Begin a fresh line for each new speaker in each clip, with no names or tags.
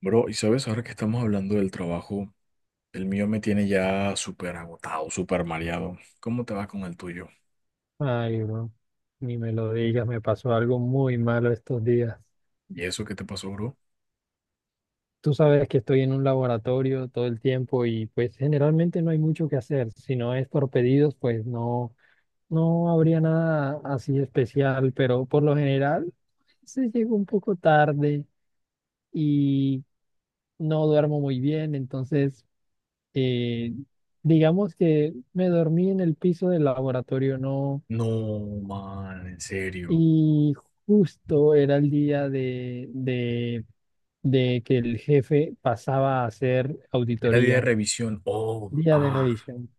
Bro, y sabes, ahora que estamos hablando del trabajo, el mío me tiene ya súper agotado, súper mareado. ¿Cómo te va con el tuyo?
Ay, bro, ni me lo digas, me pasó algo muy malo estos días.
¿Y eso qué te pasó, bro?
Tú sabes que estoy en un laboratorio todo el tiempo y pues generalmente no hay mucho que hacer. Si no es por pedidos, pues no, no habría nada así especial, pero por lo general se llega un poco tarde y no duermo muy bien, entonces eh, digamos que me dormí en el piso del laboratorio, no.
No, man, en serio.
Y justo era el día de que el jefe pasaba a hacer
Era día de
auditoría,
revisión. Oh,
día de
ah,
revisión.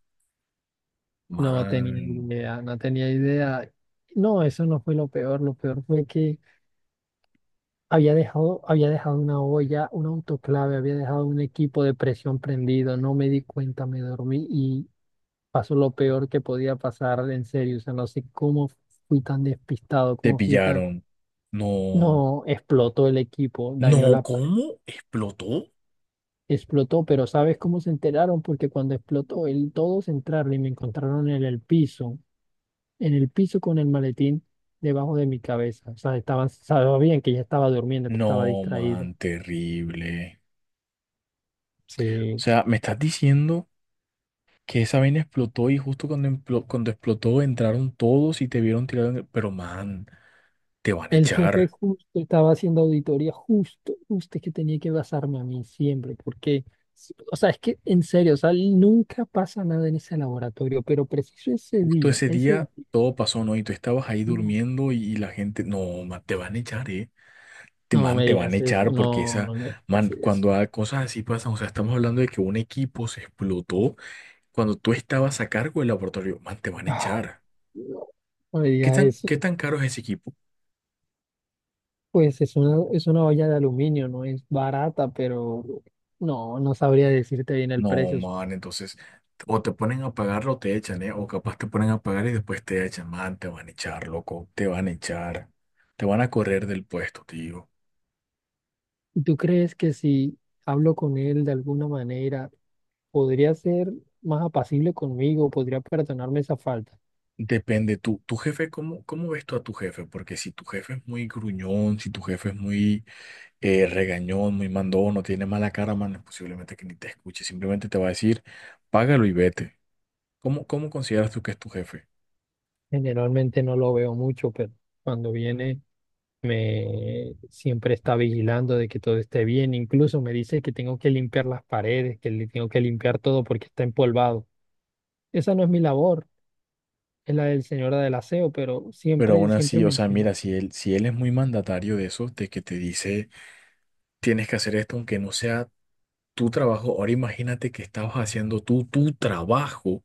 No tenía
man.
idea, no tenía idea. No, eso no fue lo peor. Lo peor fue que había dejado una olla, un autoclave, había dejado un equipo de presión prendido. No me di cuenta, me dormí y pasó lo peor que podía pasar, en serio. O sea, no sé cómo fui tan despistado,
Te
cómo fui tan...
pillaron. No,
No, explotó el equipo, dañó
no,
la pared.
¿cómo? ¿Explotó?
Explotó, pero ¿sabes cómo se enteraron? Porque cuando explotó, todos entraron y me encontraron en el piso con el maletín debajo de mi cabeza. O sea, estaban, sabían que ya estaba durmiendo, que
No,
estaba distraído.
man, terrible. O
Sí.
sea, me estás diciendo. Que esa vaina explotó y justo cuando explotó entraron todos y te vieron tirado en el... Pero man, te van a
El jefe
echar.
justo estaba haciendo auditoría, justo, justo es que tenía que basarme a mí siempre, porque, o sea, es que en serio, o sea, nunca pasa nada en ese laboratorio, pero preciso ese
Justo
día,
ese
ese...
día todo pasó, ¿no? Y tú estabas ahí durmiendo y la gente, no, man, te van a echar, ¿eh? Te,
No
man,
me
te van a
digas eso,
echar porque
no,
esa,
no me
man,
digas eso.
cuando hay cosas así pasan, o sea, estamos hablando de que un equipo se explotó cuando tú estabas a cargo del laboratorio, man, te van a
Ah,
echar.
no, no me
¿Qué
digas
tan,
eso.
qué tan caro es ese equipo?
Pues es una olla de aluminio, no es barata, pero no, no sabría decirte bien el
No,
precio.
man, entonces, o te ponen a pagar o te echan, ¿eh? O capaz te ponen a pagar y después te echan, man, te van a echar, loco, te van a echar, te van a correr del puesto, tío.
¿Tú crees que si hablo con él de alguna manera, podría ser más apacible conmigo, podría perdonarme esa falta?
Depende, tú, tu jefe, ¿cómo ves tú a tu jefe? Porque si tu jefe es muy gruñón, si tu jefe es muy regañón, muy mandón, o tiene mala cara, man, posiblemente que ni te escuche, simplemente te va a decir, págalo y vete. ¿Cómo consideras tú que es tu jefe?
Generalmente no lo veo mucho, pero cuando viene... Me siempre está vigilando de que todo esté bien. Incluso me dice que tengo que limpiar las paredes, que le tengo que limpiar todo porque está empolvado. Esa no es mi labor, es la del señora del aseo, pero
Pero
siempre,
aún
siempre
así, o sea,
menciona.
mira, si él es muy mandatario de eso, de que te dice... tienes que hacer esto aunque no sea tu trabajo. Ahora imagínate que estabas haciendo tú tu trabajo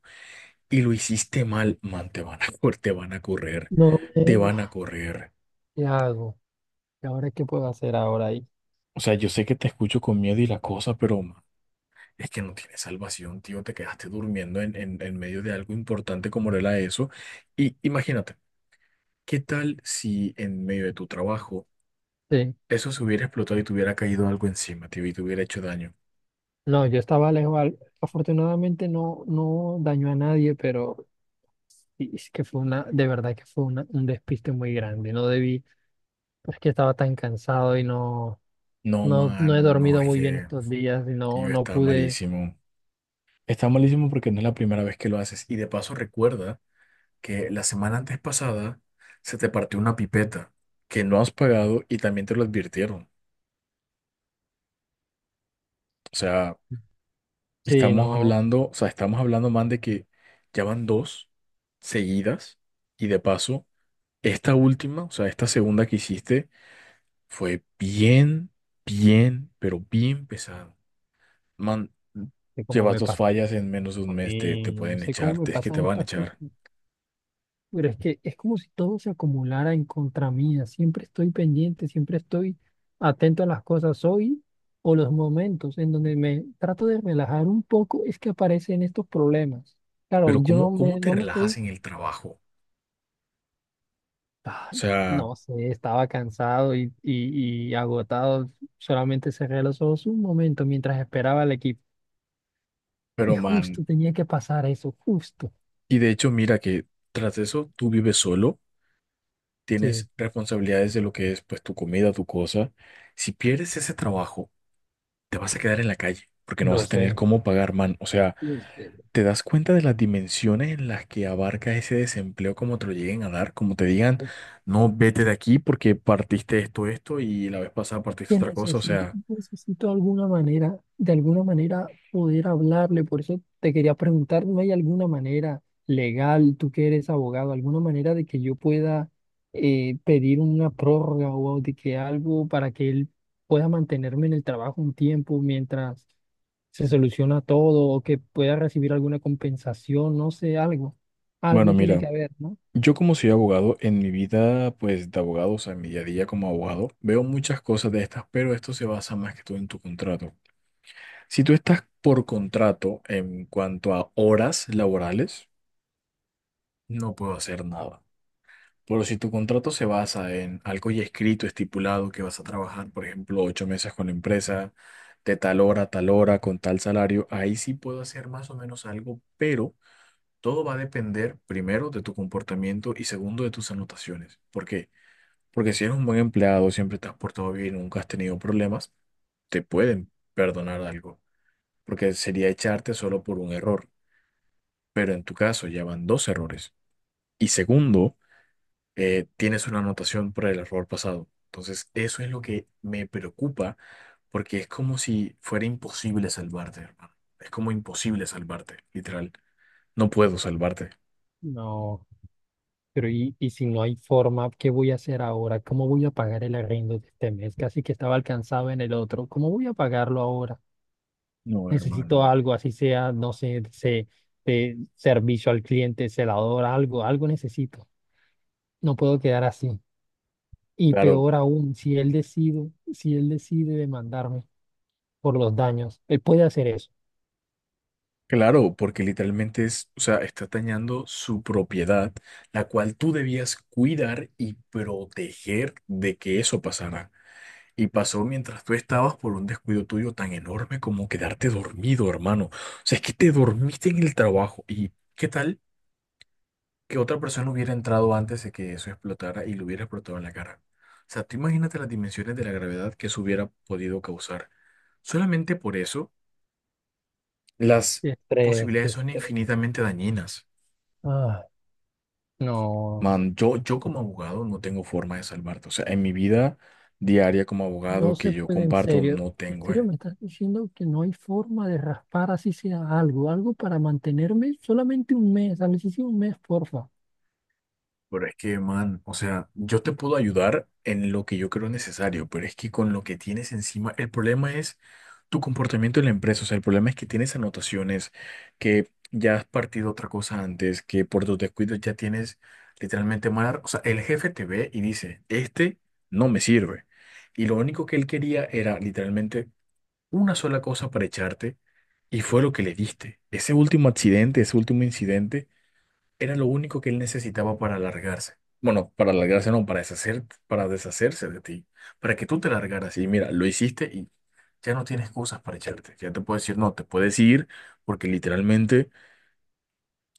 y lo hiciste mal, man, te van a, te van a correr,
No,
te
no,
van a correr.
¿qué hago? ¿Y ahora qué puedo hacer ahora ahí?
O sea, yo sé que te escucho con miedo y la cosa, pero man, es que no tienes salvación, tío, te quedaste durmiendo en medio de algo importante como era eso. Y imagínate, ¿qué tal si en medio de tu trabajo
Sí.
eso se hubiera explotado y te hubiera caído algo encima, tío, y te hubiera hecho daño?
No, yo estaba lejos. Afortunadamente no, no dañó a nadie, pero sí, es que de verdad que fue un despiste muy grande. No debí, es que estaba tan cansado y no.
No,
No, no he
man, no,
dormido
es
muy bien
que,
estos días y no,
tío,
no
está
pude,
malísimo. Está malísimo porque no es la primera vez que lo haces. Y de paso recuerda que la semana antes pasada se te partió una pipeta que no has pagado y también te lo advirtieron. O sea,
sí,
estamos
no
hablando, o sea, estamos hablando más de que ya van dos seguidas y de paso esta última, o sea, esta segunda que hiciste fue bien, bien, pero bien pesado. Man,
sé cómo
llevas
me
dos
pasa
fallas en menos de un
a
mes, te
mí, no
pueden
sé
echar,
cómo me
es que te
pasan
van a
estas cosas,
echar.
pero es que es como si todo se acumulara en contra mía, siempre estoy pendiente, siempre estoy atento a las cosas hoy o los momentos en donde me trato de relajar un poco, es que aparecen estos problemas. Claro,
Pero
yo
¿cómo, cómo te
no me
relajas
estoy,
en el trabajo? O
ay,
sea,
no sé, estaba cansado y agotado, solamente cerré los ojos un momento mientras esperaba al equipo. Y
pero man,
justo tenía que pasar eso, justo.
y de hecho mira que tras eso tú vives solo,
Sí,
tienes responsabilidades de lo que es pues tu comida, tu cosa. Si pierdes ese trabajo, te vas a quedar en la calle porque no vas
lo
a tener
sé.
cómo pagar, man. O sea,
Y este,
¿te das cuenta de las dimensiones en las que abarca ese desempleo como te lo lleguen a dar? Como te digan,
pues,
no, vete de aquí porque partiste esto, esto y la vez pasada partiste
que
otra cosa. O
necesito,
sea,
necesito alguna manera, de alguna manera poder hablarle. Por eso te quería preguntar, ¿no hay alguna manera legal, tú que eres abogado, alguna manera de que yo pueda pedir una prórroga o de que algo para que él pueda mantenerme en el trabajo un tiempo mientras se soluciona todo o que pueda recibir alguna compensación, no sé, algo.
bueno,
Algo tiene
mira.
que haber, ¿no?
Yo como soy abogado, en mi vida pues de abogado, o sea, en mi día a día como abogado, veo muchas cosas de estas, pero esto se basa más que todo en tu contrato. Si tú estás por contrato en cuanto a horas laborales, no puedo hacer nada. Pero si tu contrato se basa en algo ya escrito, estipulado, que vas a trabajar, por ejemplo, ocho meses con la empresa, de tal hora a tal hora, con tal salario, ahí sí puedo hacer más o menos algo, pero todo va a depender primero de tu comportamiento y segundo de tus anotaciones. Porque si eres un buen empleado, siempre te has portado bien, nunca has tenido problemas, te pueden perdonar algo, porque sería echarte solo por un error. Pero en tu caso ya van dos errores. Y segundo, tienes una anotación por el error pasado. Entonces, eso es lo que me preocupa, porque es como si fuera imposible salvarte, hermano. Es como imposible salvarte, literal. No puedo salvarte.
No, pero y si no hay forma, ¿qué voy a hacer ahora? ¿Cómo voy a pagar el arriendo de este mes? Casi que estaba alcanzado en el otro. ¿Cómo voy a pagarlo ahora?
No,
Necesito
hermano.
algo, así sea, no sé, de servicio al cliente, celador, algo, algo necesito. No puedo quedar así. Y
Claro,
peor aún, si él decide demandarme por los daños, él puede hacer eso.
claro, porque literalmente es, o sea, está dañando su propiedad, la cual tú debías cuidar y proteger de que eso pasara. Y pasó mientras tú estabas por un descuido tuyo tan enorme como quedarte dormido, hermano. O sea, es que te dormiste en el trabajo. ¿Y qué tal que otra persona hubiera entrado antes de que eso explotara y lo hubiera explotado en la cara? O sea, tú imagínate las dimensiones de la gravedad que eso hubiera podido causar. Solamente por eso, las
Qué estrés, qué
posibilidades son
estrés.
infinitamente dañinas.
Ah, no.
Man, yo como abogado no tengo forma de salvarte. O sea, en mi vida diaria como abogado
No
que
se
yo
puede, en
comparto,
serio.
no
En
tengo,
serio,
eh.
me estás diciendo que no hay forma de raspar así sea algo, algo para mantenerme solamente un mes, a sí un mes, porfa.
Pero es que, man, o sea, yo te puedo ayudar en lo que yo creo necesario, pero es que con lo que tienes encima, el problema es tu comportamiento en la empresa. O sea, el problema es que tienes anotaciones, que ya has partido otra cosa antes, que por tus descuidos ya tienes literalmente mal. O sea, el jefe te ve y dice, este no me sirve. Y lo único que él quería era literalmente una sola cosa para echarte y fue lo que le diste. Ese último accidente, ese último incidente, era lo único que él necesitaba para alargarse. Bueno, para alargarse no, para deshacer, para deshacerse de ti, para que tú te largaras. Y mira, lo hiciste y ya no tienes cosas para echarte. Ya te puedes decir, no, te puedes ir porque literalmente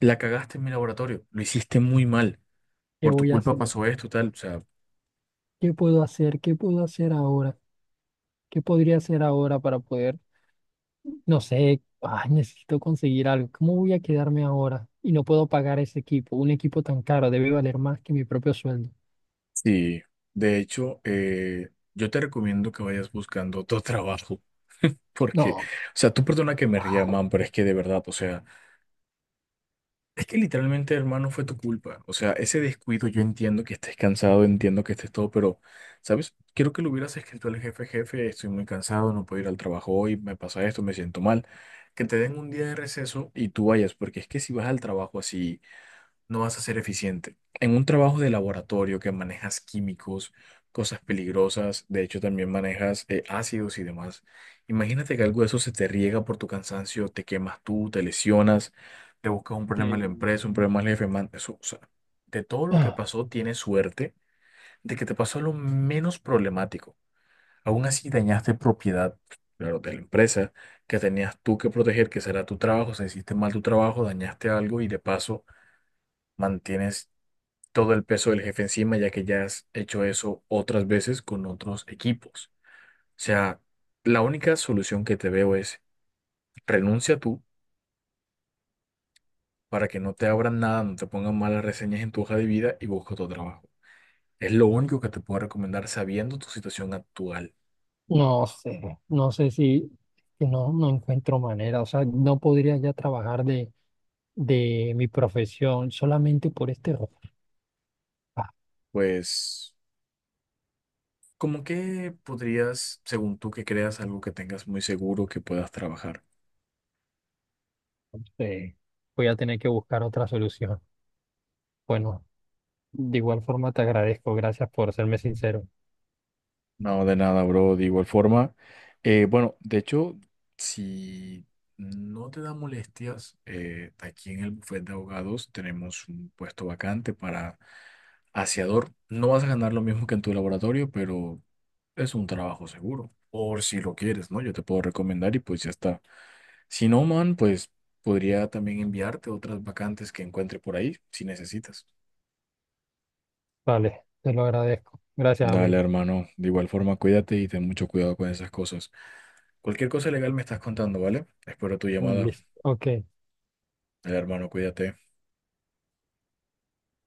la cagaste en mi laboratorio. Lo hiciste muy mal.
¿Qué
Por tu
voy a
culpa
hacer?
pasó esto, tal. O sea,
¿Qué puedo hacer? ¿Qué puedo hacer ahora? ¿Qué podría hacer ahora para poder, no sé, ay, necesito conseguir algo? ¿Cómo voy a quedarme ahora? Y no puedo pagar ese equipo, un equipo tan caro debe valer más que mi propio sueldo.
sí. De hecho, yo te recomiendo que vayas buscando otro trabajo. Porque, o
No.
sea, tú perdona que me ría, man, pero es que de verdad, o sea, es que literalmente, hermano, fue tu culpa. O sea, ese descuido, yo entiendo que estés cansado, entiendo que estés todo, pero, ¿sabes? Quiero que lo hubieras escrito al jefe, jefe, estoy muy cansado, no puedo ir al trabajo hoy, me pasa esto, me siento mal. Que te den un día de receso y tú vayas, porque es que si vas al trabajo así no vas a ser eficiente. En un trabajo de laboratorio que manejas químicos, cosas peligrosas, de hecho también manejas ácidos y demás, imagínate que algo de eso se te riega por tu cansancio, te quemas tú, te lesionas, te buscas un problema en la
Sí.
empresa, un problema al jefe, man, eso, o sea, de todo lo que pasó, tienes suerte de que te pasó lo menos problemático. Aún así dañaste propiedad, claro, de la empresa que tenías tú que proteger, que será tu trabajo, o sea, hiciste mal tu trabajo, dañaste algo y de paso mantienes todo el peso del jefe encima, ya que ya has hecho eso otras veces con otros equipos. O sea, la única solución que te veo es renuncia tú para que no te abran nada, no te pongan malas reseñas en tu hoja de vida y busca otro trabajo. Es lo único que te puedo recomendar sabiendo tu situación actual.
No sé, no sé si que no, no encuentro manera, o sea, no podría ya trabajar de mi profesión solamente por este rojo. Ah,
Pues, ¿cómo que podrías, según tú que creas, algo que tengas muy seguro que puedas trabajar?
no sé, voy a tener que buscar otra solución. Bueno, de igual forma te agradezco, gracias por serme sincero.
No, de nada, bro. De igual forma, bueno, de hecho, si no te da molestias, aquí en el bufete de abogados tenemos un puesto vacante para aseador. No vas a ganar lo mismo que en tu laboratorio, pero es un trabajo seguro. Por si lo quieres, ¿no? Yo te puedo recomendar y pues ya está. Si no, man, pues podría también enviarte otras vacantes que encuentre por ahí, si necesitas.
Vale, te lo agradezco. Gracias,
Dale,
amigo.
hermano. De igual forma, cuídate y ten mucho cuidado con esas cosas. Cualquier cosa legal me estás contando, ¿vale? Espero tu llamada.
Listo. Ok.
El hermano, cuídate.